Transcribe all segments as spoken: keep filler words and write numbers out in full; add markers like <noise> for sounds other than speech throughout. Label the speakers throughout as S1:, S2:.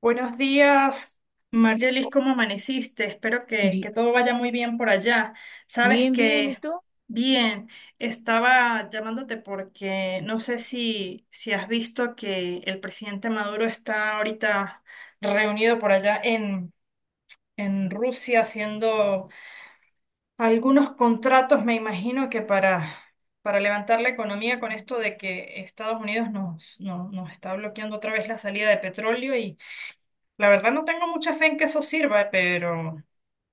S1: Buenos días, Margelis, ¿cómo amaneciste? Espero que, que
S2: Bi-
S1: todo vaya muy bien por allá. Sabes
S2: Bien, bien, ¿y
S1: que,
S2: tú?
S1: bien, estaba llamándote porque no sé si, si has visto que el presidente Maduro está ahorita reunido por allá en, en Rusia haciendo algunos contratos, me imagino que para, para levantar la economía con esto de que Estados Unidos nos, no- nos está bloqueando otra vez la salida de petróleo. La verdad no tengo mucha fe en que eso sirva, pero,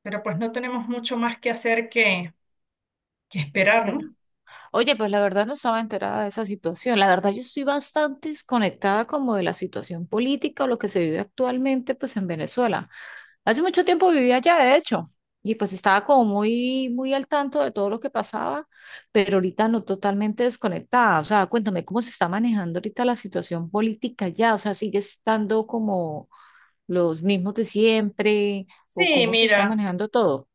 S1: pero pues no tenemos mucho más que hacer que, que esperar, ¿no?
S2: Espera. Oye, pues la verdad no estaba enterada de esa situación. La verdad yo estoy bastante desconectada como de la situación política o lo que se vive actualmente pues en Venezuela. Hace mucho tiempo vivía allá, de hecho, y pues estaba como muy, muy al tanto de todo lo que pasaba, pero ahorita no totalmente desconectada. O sea, cuéntame cómo se está manejando ahorita la situación política allá. O sea, sigue estando como los mismos de siempre o
S1: Sí,
S2: cómo se está
S1: mira,
S2: manejando todo.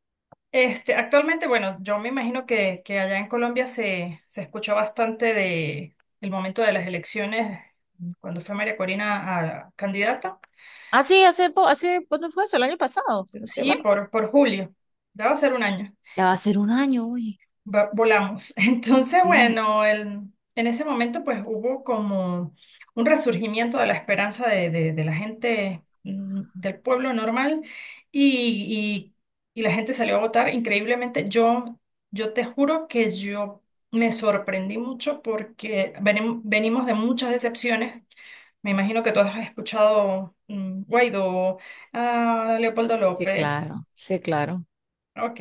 S1: este, actualmente, bueno, yo me imagino que, que allá en Colombia se, se escuchó bastante de el momento de las elecciones, cuando fue María Corina a candidata.
S2: Ah, sí, hace, po- hace, ¿cuándo fue eso? El año pasado, si no estoy
S1: Sí,
S2: mal.
S1: por, por julio. Ya va a ser un año.
S2: Ya va a ser un año, oye.
S1: Va- volamos. <laughs> Entonces,
S2: Sí,
S1: bueno, el- en ese momento pues hubo como un resurgimiento de la esperanza de, de- de la gente mm, del pueblo normal y, y- y la gente salió a votar increíblemente. Yo, yo te juro que yo me sorprendí mucho porque venim- venimos de muchas decepciones. Me imagino que tú has escuchado mm, Guaidó, ah, Leopoldo
S2: sí,
S1: López.
S2: claro, sí, claro,
S1: Ok,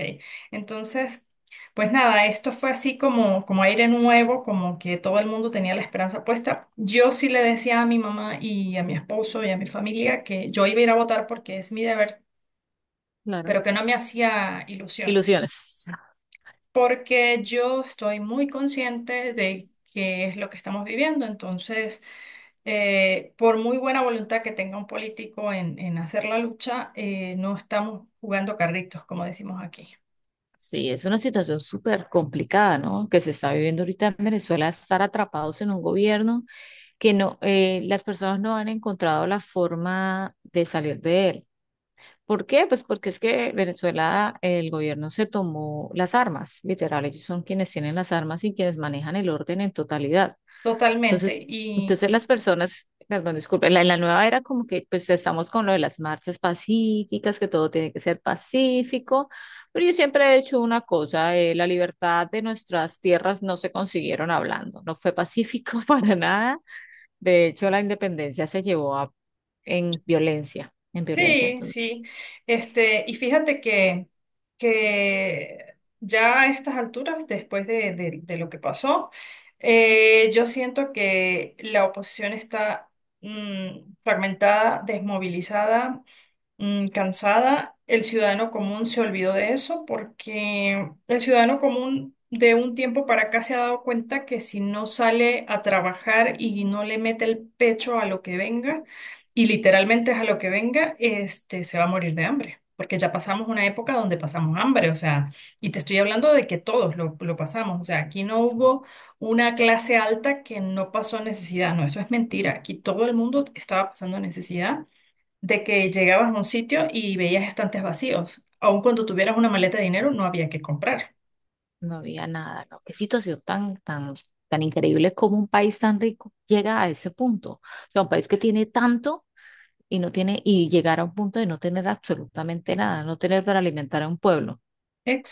S1: entonces, pues nada, esto fue así como, como aire nuevo, como que todo el mundo tenía la esperanza puesta. Yo sí le decía a mi mamá y a mi esposo y a mi familia que yo iba a ir a votar porque es mi deber,
S2: claro.
S1: pero que no me hacía ilusión,
S2: Ilusiones.
S1: porque yo estoy muy consciente de qué es lo que estamos viviendo. Entonces, eh, por muy buena voluntad que tenga un político en, en hacer la lucha, eh, no estamos jugando carritos, como decimos aquí.
S2: Sí, es una situación súper complicada, ¿no? Que se está viviendo ahorita en Venezuela, estar atrapados en un gobierno que no, eh, las personas no han encontrado la forma de salir de él. ¿Por qué? Pues porque es que Venezuela, el gobierno se tomó las armas, literal, ellos son quienes tienen las armas y quienes manejan el orden en totalidad.
S1: Totalmente.
S2: Entonces,
S1: Y
S2: entonces las personas, perdón, disculpen, en la, en la nueva era como que pues estamos con lo de las marchas pacíficas, que todo tiene que ser pacífico, pero yo siempre he hecho una cosa, eh, la libertad de nuestras tierras no se consiguieron hablando, no fue pacífico <laughs> para nada, de hecho la independencia se llevó a, en violencia, en violencia,
S1: sí,
S2: entonces
S1: sí. Este, y fíjate que, que ya a estas alturas, después de, de- de lo que pasó, eh, yo siento que la oposición está mm, fragmentada, desmovilizada, mm, cansada. El ciudadano común se olvidó de eso porque el ciudadano común de un tiempo para acá se ha dado cuenta que si no sale a trabajar y no le mete el pecho a lo que venga, y literalmente es a lo que venga, este, se va a morir de hambre. Porque ya pasamos una época donde pasamos hambre, o sea, y te estoy hablando de que todos lo, lo pasamos, o sea, aquí no hubo una clase alta que no pasó necesidad, no, eso es mentira, aquí todo el mundo estaba pasando necesidad de que llegabas a un sitio y veías estantes vacíos. Aun cuando tuvieras una maleta de dinero, no había que comprar.
S2: no había nada, ¿no? Qué situación tan, tan, tan increíble como un país tan rico llega a ese punto, o sea, un país que tiene tanto y no tiene, y llegar a un punto de no tener absolutamente nada, no tener para alimentar a un pueblo. O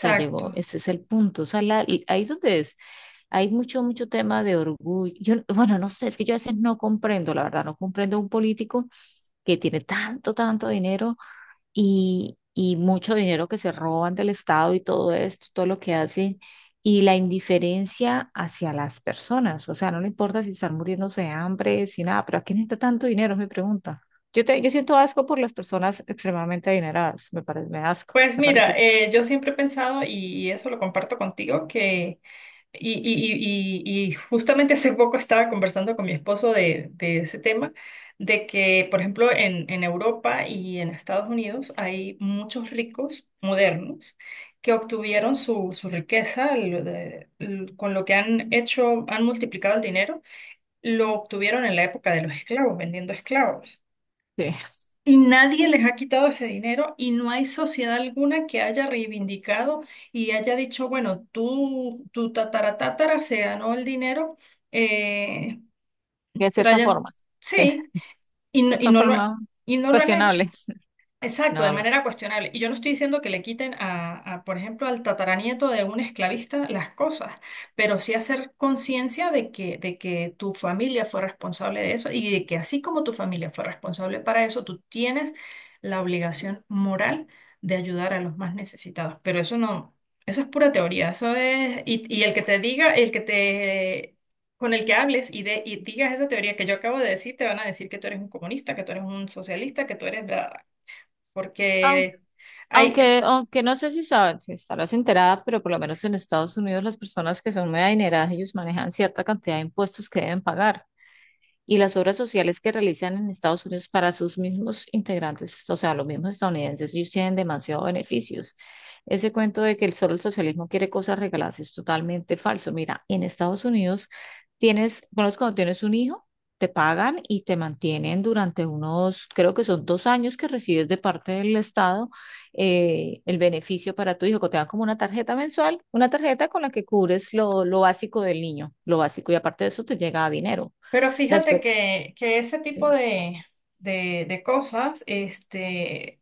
S2: sea, llegó, ese es el punto. O sea, la- y ahí es donde es. Hay mucho, mucho tema de orgullo. Yo, bueno, no sé, es que yo a veces no comprendo, la verdad, no comprendo a un político que tiene tanto, tanto dinero y, y mucho dinero que se roban del Estado y todo esto, todo lo que hacen, y la indiferencia hacia las personas. O sea, no le importa si están muriéndose de hambre, si nada, pero ¿a quién necesita tanto dinero? Es mi pregunta. Yo, te- yo siento asco por las personas extremadamente adineradas, me parece, me da asco,
S1: Pues
S2: me
S1: mira,
S2: parece
S1: eh, yo siempre he pensado, y eso lo comparto contigo, que, y, y, y, y- y justamente hace poco estaba conversando con mi esposo de, de ese tema, de que, por ejemplo, en, en Europa y en Estados Unidos hay muchos ricos modernos que obtuvieron su, su riqueza, lo de- l- con lo que han hecho, han multiplicado el dinero lo obtuvieron en la época de los esclavos, vendiendo esclavos.
S2: que,
S1: Y
S2: <laughs>
S1: nadie les ha quitado ese dinero y no hay sociedad alguna que haya reivindicado y haya dicho, bueno, tú, tu tatara se ganó el dinero, eh,
S2: de cierta
S1: traya-
S2: forma, sí, de
S1: sí, y no, y
S2: cierta
S1: no lo, ha-
S2: forma
S1: y no lo han hecho.
S2: cuestionable. <laughs>
S1: Exacto, de
S2: No, no.
S1: manera cuestionable. Y yo no estoy diciendo que le quiten a, a, por ejemplo, al tataranieto de un esclavista las cosas, pero sí hacer conciencia de que, de que tu familia fue responsable de eso y de que así como tu familia fue responsable para eso, tú tienes la obligación moral de ayudar a los más necesitados. Pero eso no, eso es pura teoría, eso es, y, y el que te diga, el que te, con el que hables y, de, y digas esa teoría que yo acabo de decir, te van a decir que tú eres un comunista, que tú eres un socialista, que tú eres... bla, porque
S2: Aunque,
S1: hay,
S2: aunque no sé si sabes, si estarás enterada, pero por lo menos en Estados Unidos las personas que son muy adineradas, ellos manejan cierta cantidad de impuestos que deben pagar y las obras sociales que realizan en Estados Unidos para sus mismos integrantes, o sea, los mismos estadounidenses, ellos tienen demasiados beneficios. Ese cuento de que el solo el socialismo quiere cosas regaladas es totalmente falso. Mira, en Estados Unidos tienes, bueno, es cuando tienes un hijo, te pagan y te mantienen durante unos, creo que son dos años que recibes de parte del Estado eh, el beneficio para tu hijo, que te dan como una tarjeta mensual, una tarjeta con la que cubres lo, lo básico del niño, lo básico, y aparte de eso te llega dinero.
S1: pero
S2: Las,
S1: fíjate que, que ese tipo
S2: sí,
S1: de, de, de cosas este,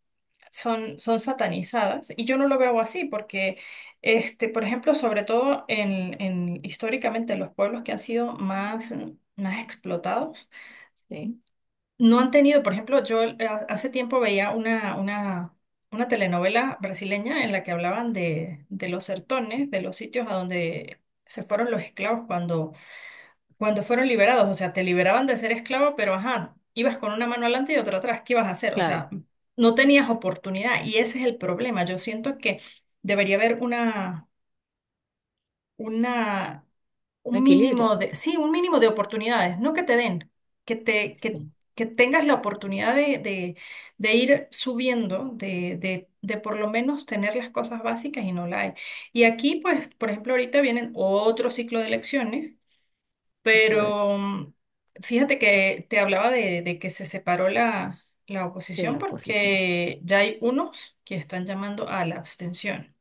S1: son, son satanizadas y yo no lo veo así porque, este, por ejemplo, sobre todo en, en históricamente los pueblos que han sido más, más explotados,
S2: sí,
S1: no han tenido, por ejemplo, yo eh, hace tiempo veía una, una, una telenovela brasileña en la que hablaban de, de los sertones, de los sitios a donde se fueron los esclavos cuando Cuando fueron liberados, o sea, te liberaban de ser esclavo, pero ajá, ibas con una mano adelante y otra atrás, ¿qué ibas a hacer? O
S2: claro,
S1: sea, no tenías oportunidad y ese es el problema. Yo siento que debería haber una, una,
S2: un
S1: un
S2: equilibrio.
S1: mínimo de, sí, un mínimo de oportunidades, no que te den, que te, que,
S2: Sí,
S1: que tengas la oportunidad de, de, de ir subiendo, de, de, de por lo menos tener las cosas básicas y no la hay. Y aquí, pues, por ejemplo, ahorita vienen otro ciclo de elecciones,
S2: otra vez.
S1: pero mm, fíjate que te hablaba de, de que se separó la, la
S2: Sí,
S1: oposición
S2: la oposición.
S1: porque ya hay unos que están llamando a la abstención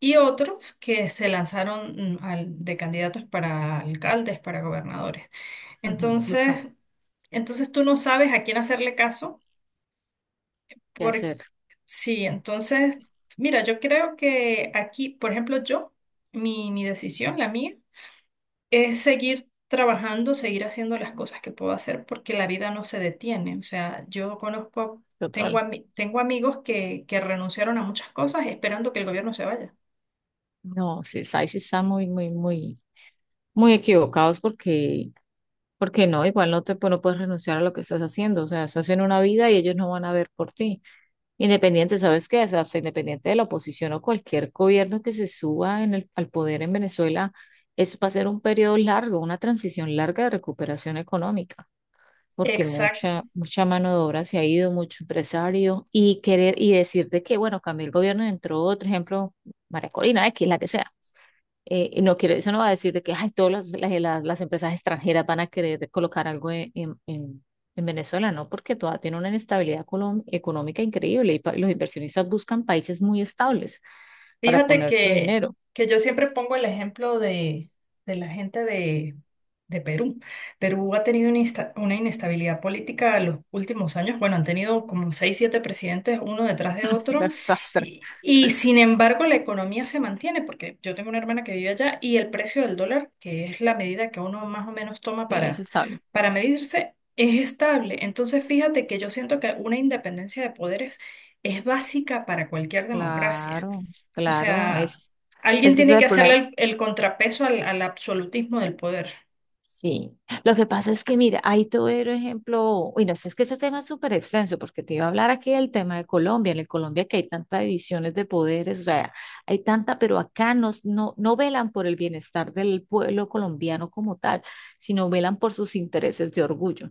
S1: y otros que se lanzaron mm, al- de candidatos para alcaldes, para gobernadores.
S2: Ujú, buscan
S1: Entonces, entonces tú no sabes a quién hacerle caso.
S2: qué
S1: Por,
S2: hacer.
S1: sí, entonces, mira, yo creo que aquí, por ejemplo, yo, mi, mi decisión, la mía, es seguir trabajando, seguir haciendo las cosas que puedo hacer, porque la vida no se detiene. O sea, yo conozco, tengo,
S2: Total.
S1: ami- tengo amigos que, que renunciaron a muchas cosas esperando que el gobierno se vaya.
S2: No, sí, ahí sí están muy, muy, muy, muy equivocados porque, porque no, igual no te pues, no puedes renunciar a lo que estás haciendo. O sea, estás en una vida y ellos no van a ver por ti. Independiente, ¿sabes qué? O sea, hasta independiente de la oposición o cualquier gobierno que se suba en el, al poder en Venezuela, eso va a ser un periodo largo, una transición larga de recuperación económica. Porque
S1: Exacto.
S2: mucha, mucha mano de obra se ha ido, mucho empresario, y querer y decir de que, bueno, cambió el gobierno, entró otro ejemplo, María Corina, X, la que sea. Eh, no quiere, eso no va a decir de que ay, todas las, las- las- las empresas extranjeras van a querer colocar algo en, en- en- en Venezuela, ¿no? Porque todavía tiene una inestabilidad colom- económica increíble y pa- los inversionistas buscan países muy estables para
S1: Fíjate
S2: poner su
S1: que,
S2: dinero.
S1: que yo siempre pongo el ejemplo de, de la gente de, de Perú. Perú ha tenido una, insta- una inestabilidad política en los últimos años. Bueno, han tenido como seis, siete presidentes uno detrás de
S2: <laughs>
S1: otro.
S2: Desastre.
S1: Y, y sin embargo, la economía se mantiene, porque yo tengo una hermana que vive allá y el precio del dólar, que es la medida que uno más o menos toma
S2: Sí, es
S1: para,
S2: estable.
S1: para medirse, es estable. Entonces, fíjate que yo siento que una independencia de poderes es básica para cualquier democracia.
S2: Claro,
S1: O
S2: claro,
S1: sea,
S2: es,
S1: alguien
S2: es que ese
S1: tiene
S2: es
S1: que
S2: el
S1: hacerle
S2: problema.
S1: el, el contrapeso al, al absolutismo del poder.
S2: Sí, lo que pasa es que, mira, ahí te voy a dar un ejemplo, uy, no, sé es que este tema es súper extenso, porque te iba a hablar aquí del tema de Colombia, en el Colombia que hay tantas divisiones de poderes, o sea, hay tanta, pero acá nos, no, no velan por el bienestar del pueblo colombiano como tal, sino velan por sus intereses de orgullo.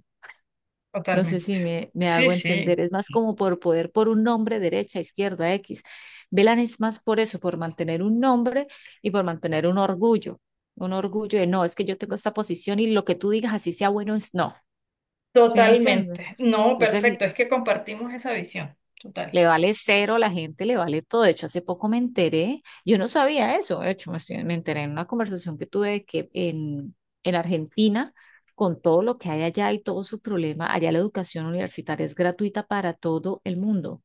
S2: No sé
S1: Totalmente.
S2: si me, me
S1: Sí,
S2: hago entender.
S1: sí,
S2: Es más como por poder, por un nombre, derecha, izquierda, X. Velan es más por eso, por mantener un nombre y por mantener un orgullo. Un orgullo de no, es que yo tengo esta posición y lo que tú digas, así sea bueno, es no. ¿Sí me entiendes?
S1: totalmente. No,
S2: Entonces,
S1: perfecto. Es que compartimos esa visión. Total.
S2: le vale cero la gente, le vale todo. De hecho, hace poco me enteré, yo no sabía eso, de hecho, me, estoy- me enteré en una conversación que tuve de que en, en Argentina, con todo lo que hay allá y todo su problema, allá la educación universitaria es gratuita para todo el mundo,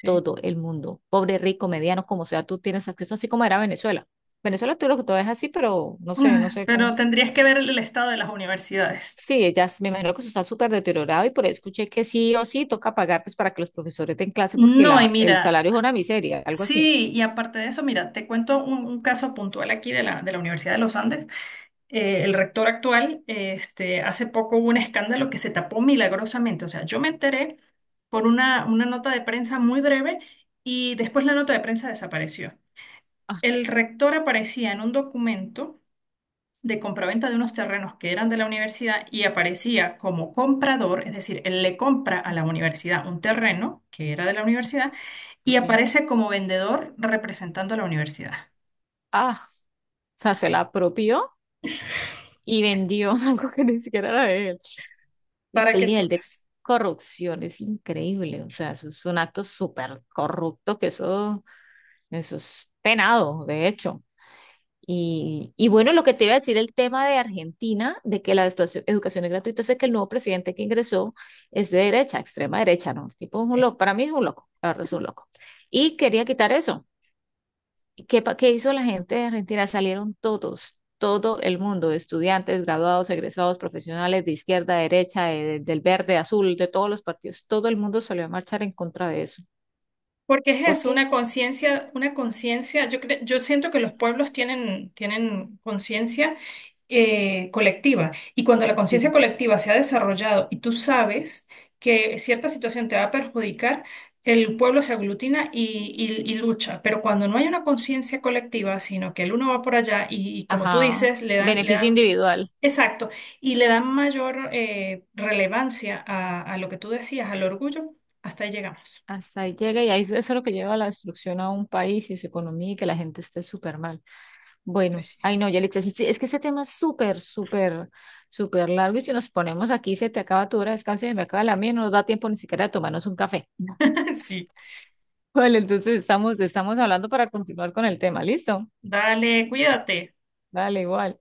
S1: Sí.
S2: todo el mundo, pobre, rico, mediano, como sea, tú tienes acceso, así como era Venezuela. Venezuela tú lo que tú ves así, pero no sé, no
S1: Ah,
S2: sé cómo.
S1: pero tendrías que ver el estado de las universidades.
S2: Sí, ellas, me imagino que eso está súper deteriorado y por ahí escuché que sí o sí toca pagar pues para que los profesores den clase porque
S1: No, y
S2: la, el
S1: mira,
S2: salario es una miseria, algo así.
S1: sí, y aparte de eso, mira, te cuento un, un caso puntual aquí de la, de la Universidad de los Andes. Eh, el rector actual, eh, este, hace poco hubo un escándalo que se tapó milagrosamente. O sea, yo me enteré por una, una nota de prensa muy breve y después la nota de prensa desapareció. El
S2: <laughs>
S1: rector aparecía en un documento de compraventa de unos terrenos que eran de la universidad y aparecía como comprador, es decir, él le compra a
S2: Ah,
S1: la universidad un terreno que era de la universidad y
S2: ok.
S1: aparece como vendedor representando a la universidad.
S2: Ah, o sea, se la apropió y vendió <laughs> algo que ni siquiera era de él. Y es
S1: Para
S2: que el
S1: que tú
S2: nivel de
S1: veas.
S2: corrupción es increíble, o sea, eso es un acto súper corrupto que eso, eso es penado, de hecho. Y, y bueno, lo que te iba a decir el tema de Argentina, de que la estuaci- educación es gratuita, es que el nuevo presidente que ingresó es de derecha, extrema derecha, ¿no? Tipo es un loco, para mí es un loco, la verdad es un loco. Y quería quitar eso. ¿Y ¿qué, pa- qué hizo la gente de Argentina? Salieron todos, todo el mundo, estudiantes, graduados, egresados, profesionales de izquierda, derecha, de- del verde, azul, de todos los partidos, todo el mundo salió a marchar en contra de eso.
S1: Porque es
S2: ¿Por
S1: eso,
S2: qué?
S1: una conciencia, una conciencia, yo cre- yo siento que los pueblos tienen, tienen conciencia, eh, colectiva, y cuando la conciencia
S2: Sí.
S1: colectiva se ha desarrollado y tú sabes que cierta situación te va a perjudicar, el pueblo se aglutina y, y- y lucha, pero cuando no hay una conciencia colectiva, sino que el uno va por allá y, y como tú
S2: Ajá.
S1: dices, le dan, le
S2: Beneficio
S1: dan,
S2: individual.
S1: exacto, y le dan mayor eh, relevancia a, a lo que tú decías, al orgullo, hasta ahí llegamos.
S2: Hasta ahí llega y ahí es- eso es lo que lleva a la destrucción a un país y su economía y que la gente esté súper mal. Bueno,
S1: Pues sí.
S2: ay no, Yelitza, sí, sí, es que este tema es súper, súper, súper largo y si nos ponemos aquí se te acaba tu hora de descanso y se me acaba la mía, no nos da tiempo ni siquiera de tomarnos un café. <laughs>
S1: <laughs> Sí.
S2: Vale, entonces estamos, estamos hablando para continuar con el tema, ¿listo?
S1: Dale, cuídate.
S2: Vale, igual.